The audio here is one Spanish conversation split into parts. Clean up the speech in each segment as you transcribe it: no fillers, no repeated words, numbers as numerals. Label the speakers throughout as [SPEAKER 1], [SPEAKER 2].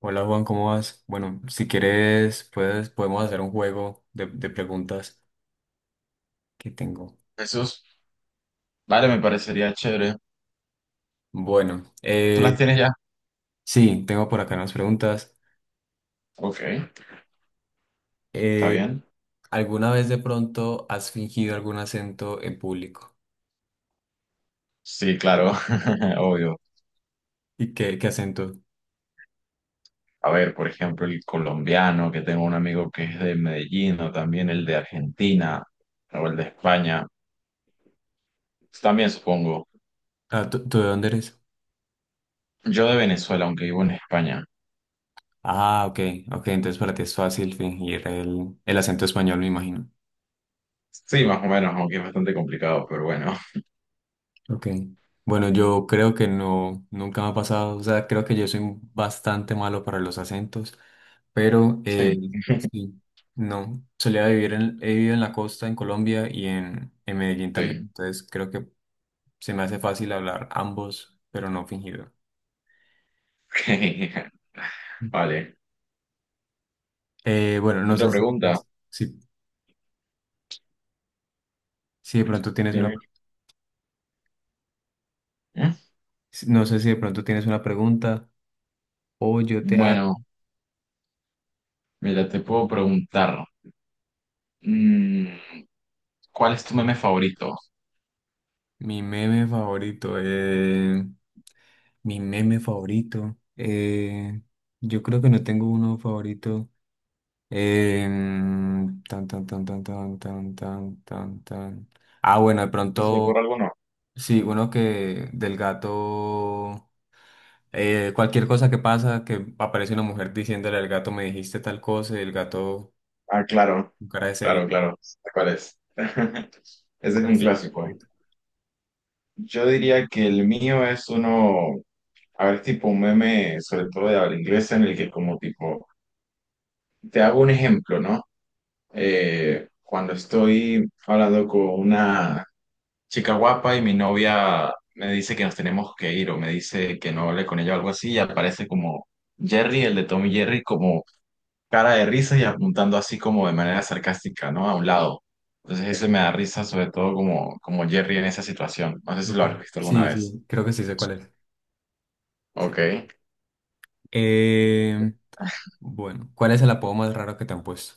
[SPEAKER 1] Hola Juan, ¿cómo vas? Bueno, si quieres, puedes, podemos hacer un juego de preguntas que tengo.
[SPEAKER 2] Jesús, vale, me parecería chévere.
[SPEAKER 1] Bueno,
[SPEAKER 2] ¿Tú las tienes ya?
[SPEAKER 1] sí, tengo por acá unas preguntas.
[SPEAKER 2] Ok, está
[SPEAKER 1] Eh,
[SPEAKER 2] bien.
[SPEAKER 1] ¿alguna vez de pronto has fingido algún acento en público?
[SPEAKER 2] Sí, claro, obvio.
[SPEAKER 1] ¿Y qué acento?
[SPEAKER 2] A ver, por ejemplo, el colombiano, que tengo un amigo que es de Medellín, o también el de Argentina, o el de España. También supongo.
[SPEAKER 1] Ah, ¿tú de dónde eres?
[SPEAKER 2] Yo de Venezuela, aunque vivo en España.
[SPEAKER 1] Ah, ok, ok, entonces para ti es fácil fingir el acento español, me imagino.
[SPEAKER 2] Sí, más o menos, aunque es bastante complicado, pero bueno.
[SPEAKER 1] Ok. bueno, yo creo que no, nunca me ha pasado, o sea, creo que yo soy bastante malo para los acentos, pero
[SPEAKER 2] Sí,
[SPEAKER 1] sí, no, solía vivir he vivido en la costa, en Colombia y en Medellín también,
[SPEAKER 2] sí.
[SPEAKER 1] entonces creo que se me hace fácil hablar ambos, pero no fingido.
[SPEAKER 2] Vale.
[SPEAKER 1] Bueno, no
[SPEAKER 2] Otra
[SPEAKER 1] sé
[SPEAKER 2] pregunta.
[SPEAKER 1] si, si de pronto tienes una,
[SPEAKER 2] Dime. ¿Eh?
[SPEAKER 1] no sé si de pronto tienes una pregunta o yo te hago.
[SPEAKER 2] Bueno, mira, te puedo preguntar. mm, ¿Cuál es tu meme favorito?
[SPEAKER 1] Mi meme favorito. Mi meme favorito. Yo creo que no tengo uno favorito. Tan, tan, tan, tan, tan. Ah, bueno, de
[SPEAKER 2] ¿No se te ocurre
[SPEAKER 1] pronto,
[SPEAKER 2] alguno?
[SPEAKER 1] sí, uno que del gato, cualquier cosa que pasa, que aparece una mujer diciéndole al gato, me dijiste tal cosa, y el gato
[SPEAKER 2] Ah, claro,
[SPEAKER 1] con cara de
[SPEAKER 2] claro,
[SPEAKER 1] serio.
[SPEAKER 2] claro. ¿Cuál es? Ese es
[SPEAKER 1] ¿Cuál
[SPEAKER 2] un
[SPEAKER 1] es tu meme
[SPEAKER 2] clásico.
[SPEAKER 1] favorito?
[SPEAKER 2] Yo diría que el mío es uno, a ver, tipo un meme, sobre todo de habla inglesa, en el que como tipo, te hago un ejemplo, ¿no? Cuando estoy hablando con una chica guapa y mi novia me dice que nos tenemos que ir o me dice que no hable con ella o algo así, y aparece como Jerry, el de Tom y Jerry, como cara de risa y apuntando así como de manera sarcástica, ¿no? A un lado. Entonces eso me da risa, sobre todo como Jerry en esa situación. No sé si lo
[SPEAKER 1] Ok.
[SPEAKER 2] has visto alguna
[SPEAKER 1] Sí,
[SPEAKER 2] vez.
[SPEAKER 1] sí, creo que sí sé cuál es. Sí.
[SPEAKER 2] Ok.
[SPEAKER 1] Em, bueno, ¿cuál es el apodo más raro que te han puesto?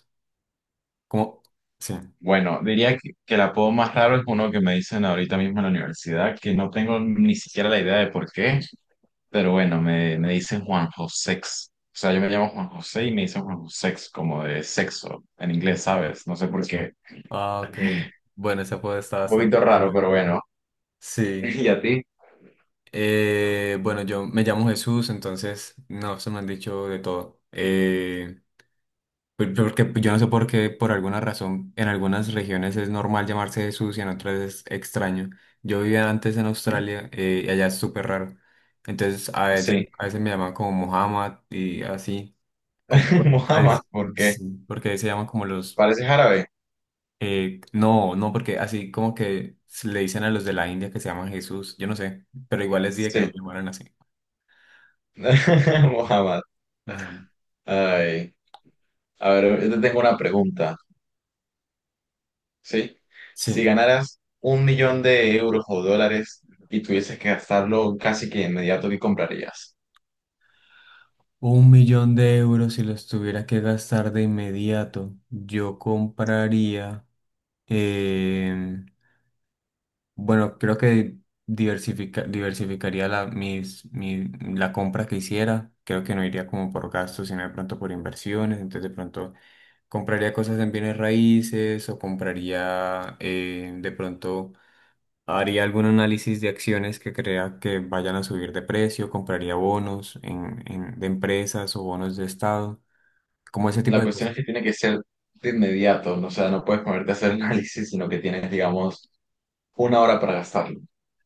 [SPEAKER 1] Como, sí.
[SPEAKER 2] Bueno, diría que el apodo más raro es uno que me dicen ahorita mismo en la universidad, que no tengo ni siquiera la idea de por qué, pero bueno, me dicen Juan Josex. O sea, yo me llamo Juan José y me dicen Juan Josex, como de sexo, en inglés, ¿sabes? No sé por qué.
[SPEAKER 1] Ah, ok. Bueno, ese apodo está
[SPEAKER 2] Un poquito
[SPEAKER 1] bastante
[SPEAKER 2] raro,
[SPEAKER 1] extraño.
[SPEAKER 2] pero bueno.
[SPEAKER 1] Sí.
[SPEAKER 2] ¿Y a ti?
[SPEAKER 1] Bueno, yo me llamo Jesús, entonces no se me han dicho de todo. Porque pues, yo no sé por qué, por alguna razón, en algunas regiones es normal llamarse Jesús y en otras es extraño. Yo vivía antes en Australia y allá es súper raro. Entonces a veces,
[SPEAKER 2] Sí.
[SPEAKER 1] a veces me llaman como Muhammad y así. Como, pues,
[SPEAKER 2] Mohamed,
[SPEAKER 1] es-
[SPEAKER 2] ¿por qué?
[SPEAKER 1] sí, porque ahí se llaman como los.
[SPEAKER 2] Parece árabe.
[SPEAKER 1] No, no, porque así como que se le dicen a los de la India que se llaman Jesús, yo no sé, pero igual les dije que no
[SPEAKER 2] Sí.
[SPEAKER 1] me llamaran así.
[SPEAKER 2] Mohamed.
[SPEAKER 1] Bueno,
[SPEAKER 2] Ay. A ver, yo te tengo una pregunta. ¿Sí? Si
[SPEAKER 1] sí.
[SPEAKER 2] ganaras 1 millón de euros o dólares y tuvieses que gastarlo casi que de inmediato, ¿qué comprarías?
[SPEAKER 1] Un millón de euros si los tuviera que gastar de inmediato, yo compraría, eh, bueno, creo que diversificaría la compra que hiciera, creo que no iría como por gastos, sino de pronto por inversiones, entonces de pronto compraría cosas en bienes raíces o compraría, de pronto. ¿Haría algún análisis de acciones que crea que vayan a subir de precio? ¿Compraría bonos de empresas o bonos de estado? Como ese tipo
[SPEAKER 2] La
[SPEAKER 1] de
[SPEAKER 2] cuestión
[SPEAKER 1] cosas.
[SPEAKER 2] es que tiene que ser de inmediato. ¿No? O sea, no puedes ponerte a hacer análisis, sino que tienes, digamos, una hora para gastarlo.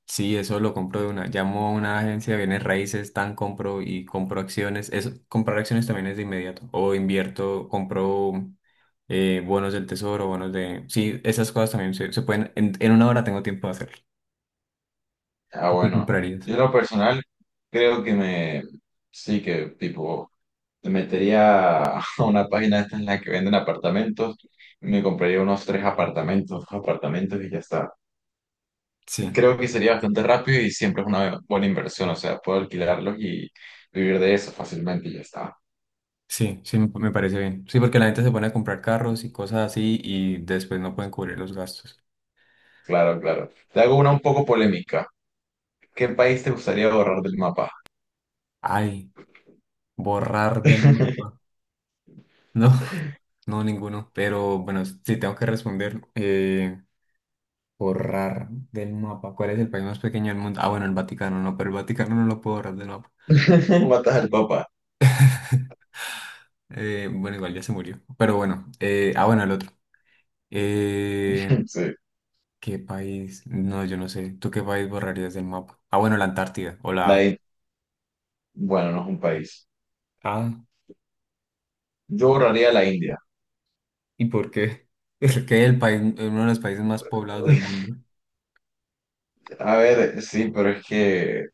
[SPEAKER 1] Sí, eso lo compro de una. Llamo a una agencia de bienes raíces, tan compro y compro acciones. Eso, comprar acciones también es de inmediato. O invierto, compro bonos del tesoro, bonos de, sí, esas cosas también se pueden. En una hora tengo tiempo de hacerlo.
[SPEAKER 2] Ah,
[SPEAKER 1] ¿Qué
[SPEAKER 2] bueno.
[SPEAKER 1] comprarías?
[SPEAKER 2] Yo en lo personal creo que me... Sí, que tipo... Me metería a una página de estas en la que venden apartamentos y me compraría unos tres apartamentos, dos apartamentos y ya está.
[SPEAKER 1] Sí.
[SPEAKER 2] Creo que sería bastante rápido y siempre es una buena inversión, o sea, puedo alquilarlos y vivir de eso fácilmente y ya está.
[SPEAKER 1] Sí, sí, me parece bien. Sí, porque la gente se pone a comprar carros y cosas así y después no pueden cubrir los gastos.
[SPEAKER 2] Claro, claro. Te hago una un poco polémica. ¿Qué país te gustaría borrar del mapa?
[SPEAKER 1] Ay, borrar del mapa. No, no, ninguno. Pero bueno, sí, tengo que responder. Borrar del mapa. ¿Cuál es el país más pequeño del mundo? Ah, bueno, el Vaticano, no, pero el Vaticano no lo puedo borrar del mapa.
[SPEAKER 2] Matas al Papa.
[SPEAKER 1] Bueno, igual ya se murió. Pero bueno, el otro. Eh,
[SPEAKER 2] Sí.
[SPEAKER 1] ¿qué país? No, yo no sé. ¿Tú qué país borrarías del mapa? Ah, bueno, la Antártida o
[SPEAKER 2] La
[SPEAKER 1] la.
[SPEAKER 2] In- Bueno, no es un país.
[SPEAKER 1] Ah.
[SPEAKER 2] Yo borraría la India.
[SPEAKER 1] ¿Y por qué? Porque el país, uno de los países más poblados del mundo.
[SPEAKER 2] A ver, sí, pero es que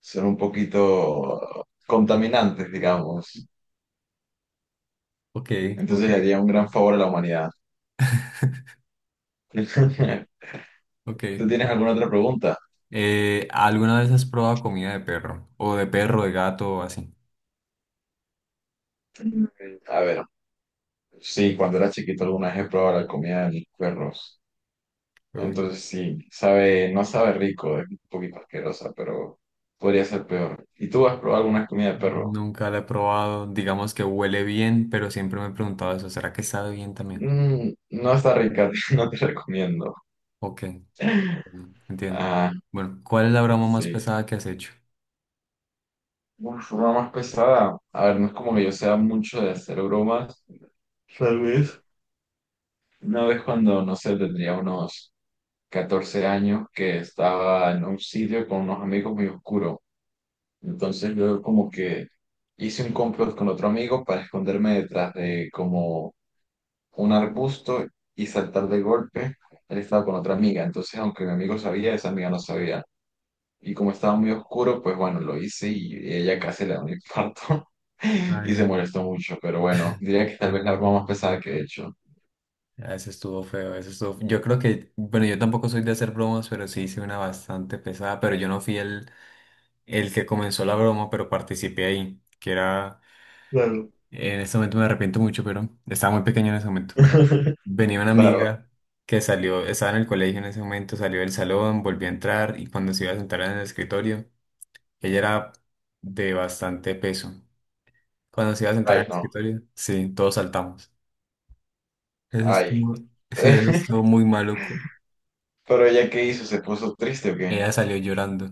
[SPEAKER 2] son un poquito contaminantes, digamos.
[SPEAKER 1] Ok, ok,
[SPEAKER 2] Entonces le haría un gran favor a la humanidad.
[SPEAKER 1] ok.
[SPEAKER 2] ¿Tú tienes alguna otra pregunta?
[SPEAKER 1] ¿Alguna vez has probado comida de perro? O de perro, de gato, o así.
[SPEAKER 2] Mm. A ver, sí, cuando era chiquito alguna vez he probado la comida de mis perros.
[SPEAKER 1] Uy,
[SPEAKER 2] Entonces sí, no sabe rico, es un poquito asquerosa, pero podría ser peor. ¿Y tú has probado alguna comida de perro?
[SPEAKER 1] nunca la he probado. Digamos que huele bien, pero siempre me he preguntado eso. ¿Será que sabe bien también?
[SPEAKER 2] Mm, no está rica, no te recomiendo.
[SPEAKER 1] Ok, bueno, entiendo.
[SPEAKER 2] Ah,
[SPEAKER 1] Bueno, ¿cuál es la broma más
[SPEAKER 2] sí.
[SPEAKER 1] pesada que has hecho?
[SPEAKER 2] Una forma más pesada. A ver, no es como que yo sea mucho de hacer bromas. Tal vez. Una vez cuando, no sé, tendría unos 14 años que estaba en un sitio con unos amigos muy oscuro. Entonces yo como que hice un complot con otro amigo para esconderme detrás de como un arbusto y saltar de golpe. Él estaba con otra amiga. Entonces, aunque mi amigo sabía, esa amiga no sabía. Y como estaba muy oscuro, pues bueno, lo hice y ella casi le da un infarto y se
[SPEAKER 1] Ay,
[SPEAKER 2] molestó mucho. Pero bueno, diría que tal vez la broma más pesada que he hecho.
[SPEAKER 1] ese estuvo feo, ese estuvo. Yo creo que, bueno, yo tampoco soy de hacer bromas, pero sí hice una bastante pesada, pero yo no fui el que comenzó la broma, pero participé ahí, que era,
[SPEAKER 2] Claro.
[SPEAKER 1] en este momento me arrepiento mucho, pero estaba muy pequeño en ese momento. Bueno, venía una
[SPEAKER 2] Claro,
[SPEAKER 1] amiga que salió, estaba en el colegio en ese momento, salió del salón, volvió a entrar y cuando se iba a sentar en el escritorio, ella era de bastante peso. Cuando se iba a sentar en
[SPEAKER 2] ay
[SPEAKER 1] el
[SPEAKER 2] no,
[SPEAKER 1] escritorio, sí, todos saltamos. Eso
[SPEAKER 2] ay.
[SPEAKER 1] estuvo, sí, eso estuvo muy maluco.
[SPEAKER 2] Pero ella qué hizo, ¿se puso triste o qué?
[SPEAKER 1] Ella salió llorando.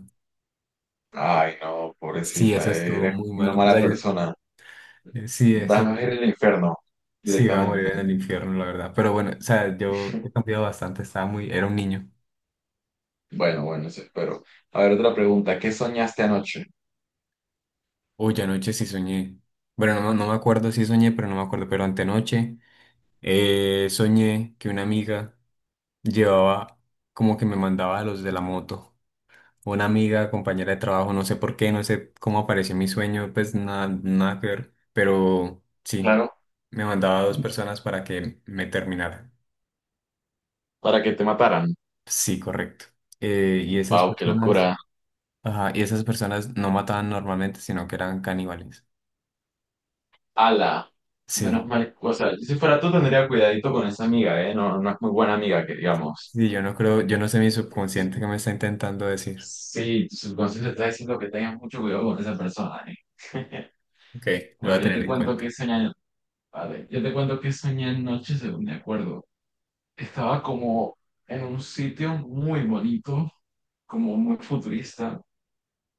[SPEAKER 2] Ay no,
[SPEAKER 1] Sí,
[SPEAKER 2] pobrecita,
[SPEAKER 1] eso estuvo
[SPEAKER 2] eres
[SPEAKER 1] muy
[SPEAKER 2] una
[SPEAKER 1] maluco. O
[SPEAKER 2] mala
[SPEAKER 1] sea,
[SPEAKER 2] persona.
[SPEAKER 1] sí, eso.
[SPEAKER 2] Vas a ir al infierno
[SPEAKER 1] Sí, va a morir en
[SPEAKER 2] directamente.
[SPEAKER 1] el infierno, la verdad. Pero bueno, o sea, yo he cambiado bastante, estaba muy, era un niño.
[SPEAKER 2] Bueno, bueno, eso espero. A ver, otra pregunta, ¿qué soñaste anoche?
[SPEAKER 1] Uy, anoche sí soñé. Bueno, no, no me acuerdo si soñé, pero no me acuerdo. Pero antenoche soñé que una amiga llevaba, como que me mandaba a los de la moto. Una amiga, compañera de trabajo, no sé por qué, no sé cómo apareció en mi sueño, pues nada, nada que ver. Pero sí,
[SPEAKER 2] Claro,
[SPEAKER 1] me mandaba a dos personas para que me terminaran.
[SPEAKER 2] para que te mataran.
[SPEAKER 1] Sí, correcto. Y esas
[SPEAKER 2] Wow, qué
[SPEAKER 1] personas.
[SPEAKER 2] locura.
[SPEAKER 1] Ajá, y esas personas no mataban normalmente, sino que eran caníbales.
[SPEAKER 2] Ala, menos
[SPEAKER 1] Sí,
[SPEAKER 2] mal, o sea, yo si fuera tú tendría cuidadito con esa amiga, ¿eh? No, no es muy buena amiga, que digamos.
[SPEAKER 1] sí, yo no creo, yo no sé mi subconsciente que me está intentando decir.
[SPEAKER 2] Sí, tu subconsciente está diciendo que tengas mucho cuidado con esa persona, ¿eh?
[SPEAKER 1] Ok, lo voy
[SPEAKER 2] Bueno,
[SPEAKER 1] a
[SPEAKER 2] yo
[SPEAKER 1] tener
[SPEAKER 2] te
[SPEAKER 1] en
[SPEAKER 2] cuento
[SPEAKER 1] cuenta.
[SPEAKER 2] que soñé, a ver, yo te cuento que soñé anoche, según me acuerdo. Estaba como en un sitio muy bonito, como muy futurista,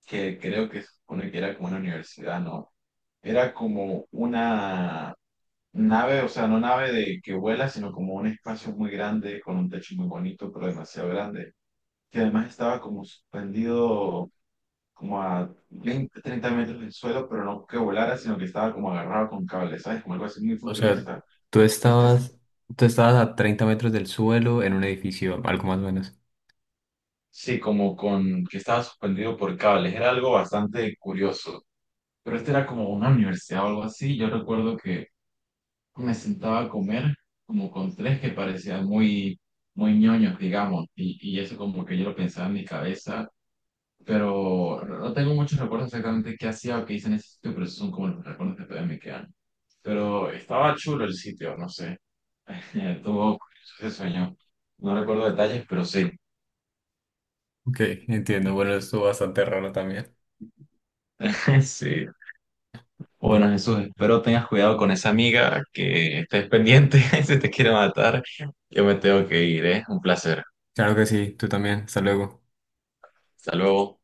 [SPEAKER 2] que creo que se supone que era como una universidad, ¿no? Era como una nave, o sea, no nave de que vuela, sino como un espacio muy grande, con un techo muy bonito, pero demasiado grande. Que además estaba como suspendido como a 20 30 metros del suelo, pero no que volara, sino que estaba como agarrado con cables, ¿sabes? Como algo así muy
[SPEAKER 1] O sea,
[SPEAKER 2] futurista.
[SPEAKER 1] tú
[SPEAKER 2] Y este es,
[SPEAKER 1] estabas, tú estabas a 30 metros del suelo en un edificio, algo más o menos.
[SPEAKER 2] sí, como con que estaba suspendido por cables. Era algo bastante curioso. Pero este era como una universidad o algo así. Yo recuerdo que me sentaba a comer como con tres que parecían muy, muy ñoños, digamos, y eso como que yo lo pensaba en mi cabeza, pero no tengo muchos recuerdos exactamente qué hacía o qué hice en ese sitio, pero esos son como los recuerdos que todavía me quedan. Pero estaba chulo el sitio, no sé, tuvo ese sueño. No recuerdo detalles, pero sí.
[SPEAKER 1] Ok, entiendo. Bueno, estuvo bastante raro también.
[SPEAKER 2] Sí.
[SPEAKER 1] Bueno,
[SPEAKER 2] Bueno, Jesús, espero tengas cuidado con esa amiga que estés pendiente, si te quiere matar. Yo me tengo que ir, ¿eh? Un placer.
[SPEAKER 1] claro que sí, tú también. Hasta luego.
[SPEAKER 2] Hasta luego.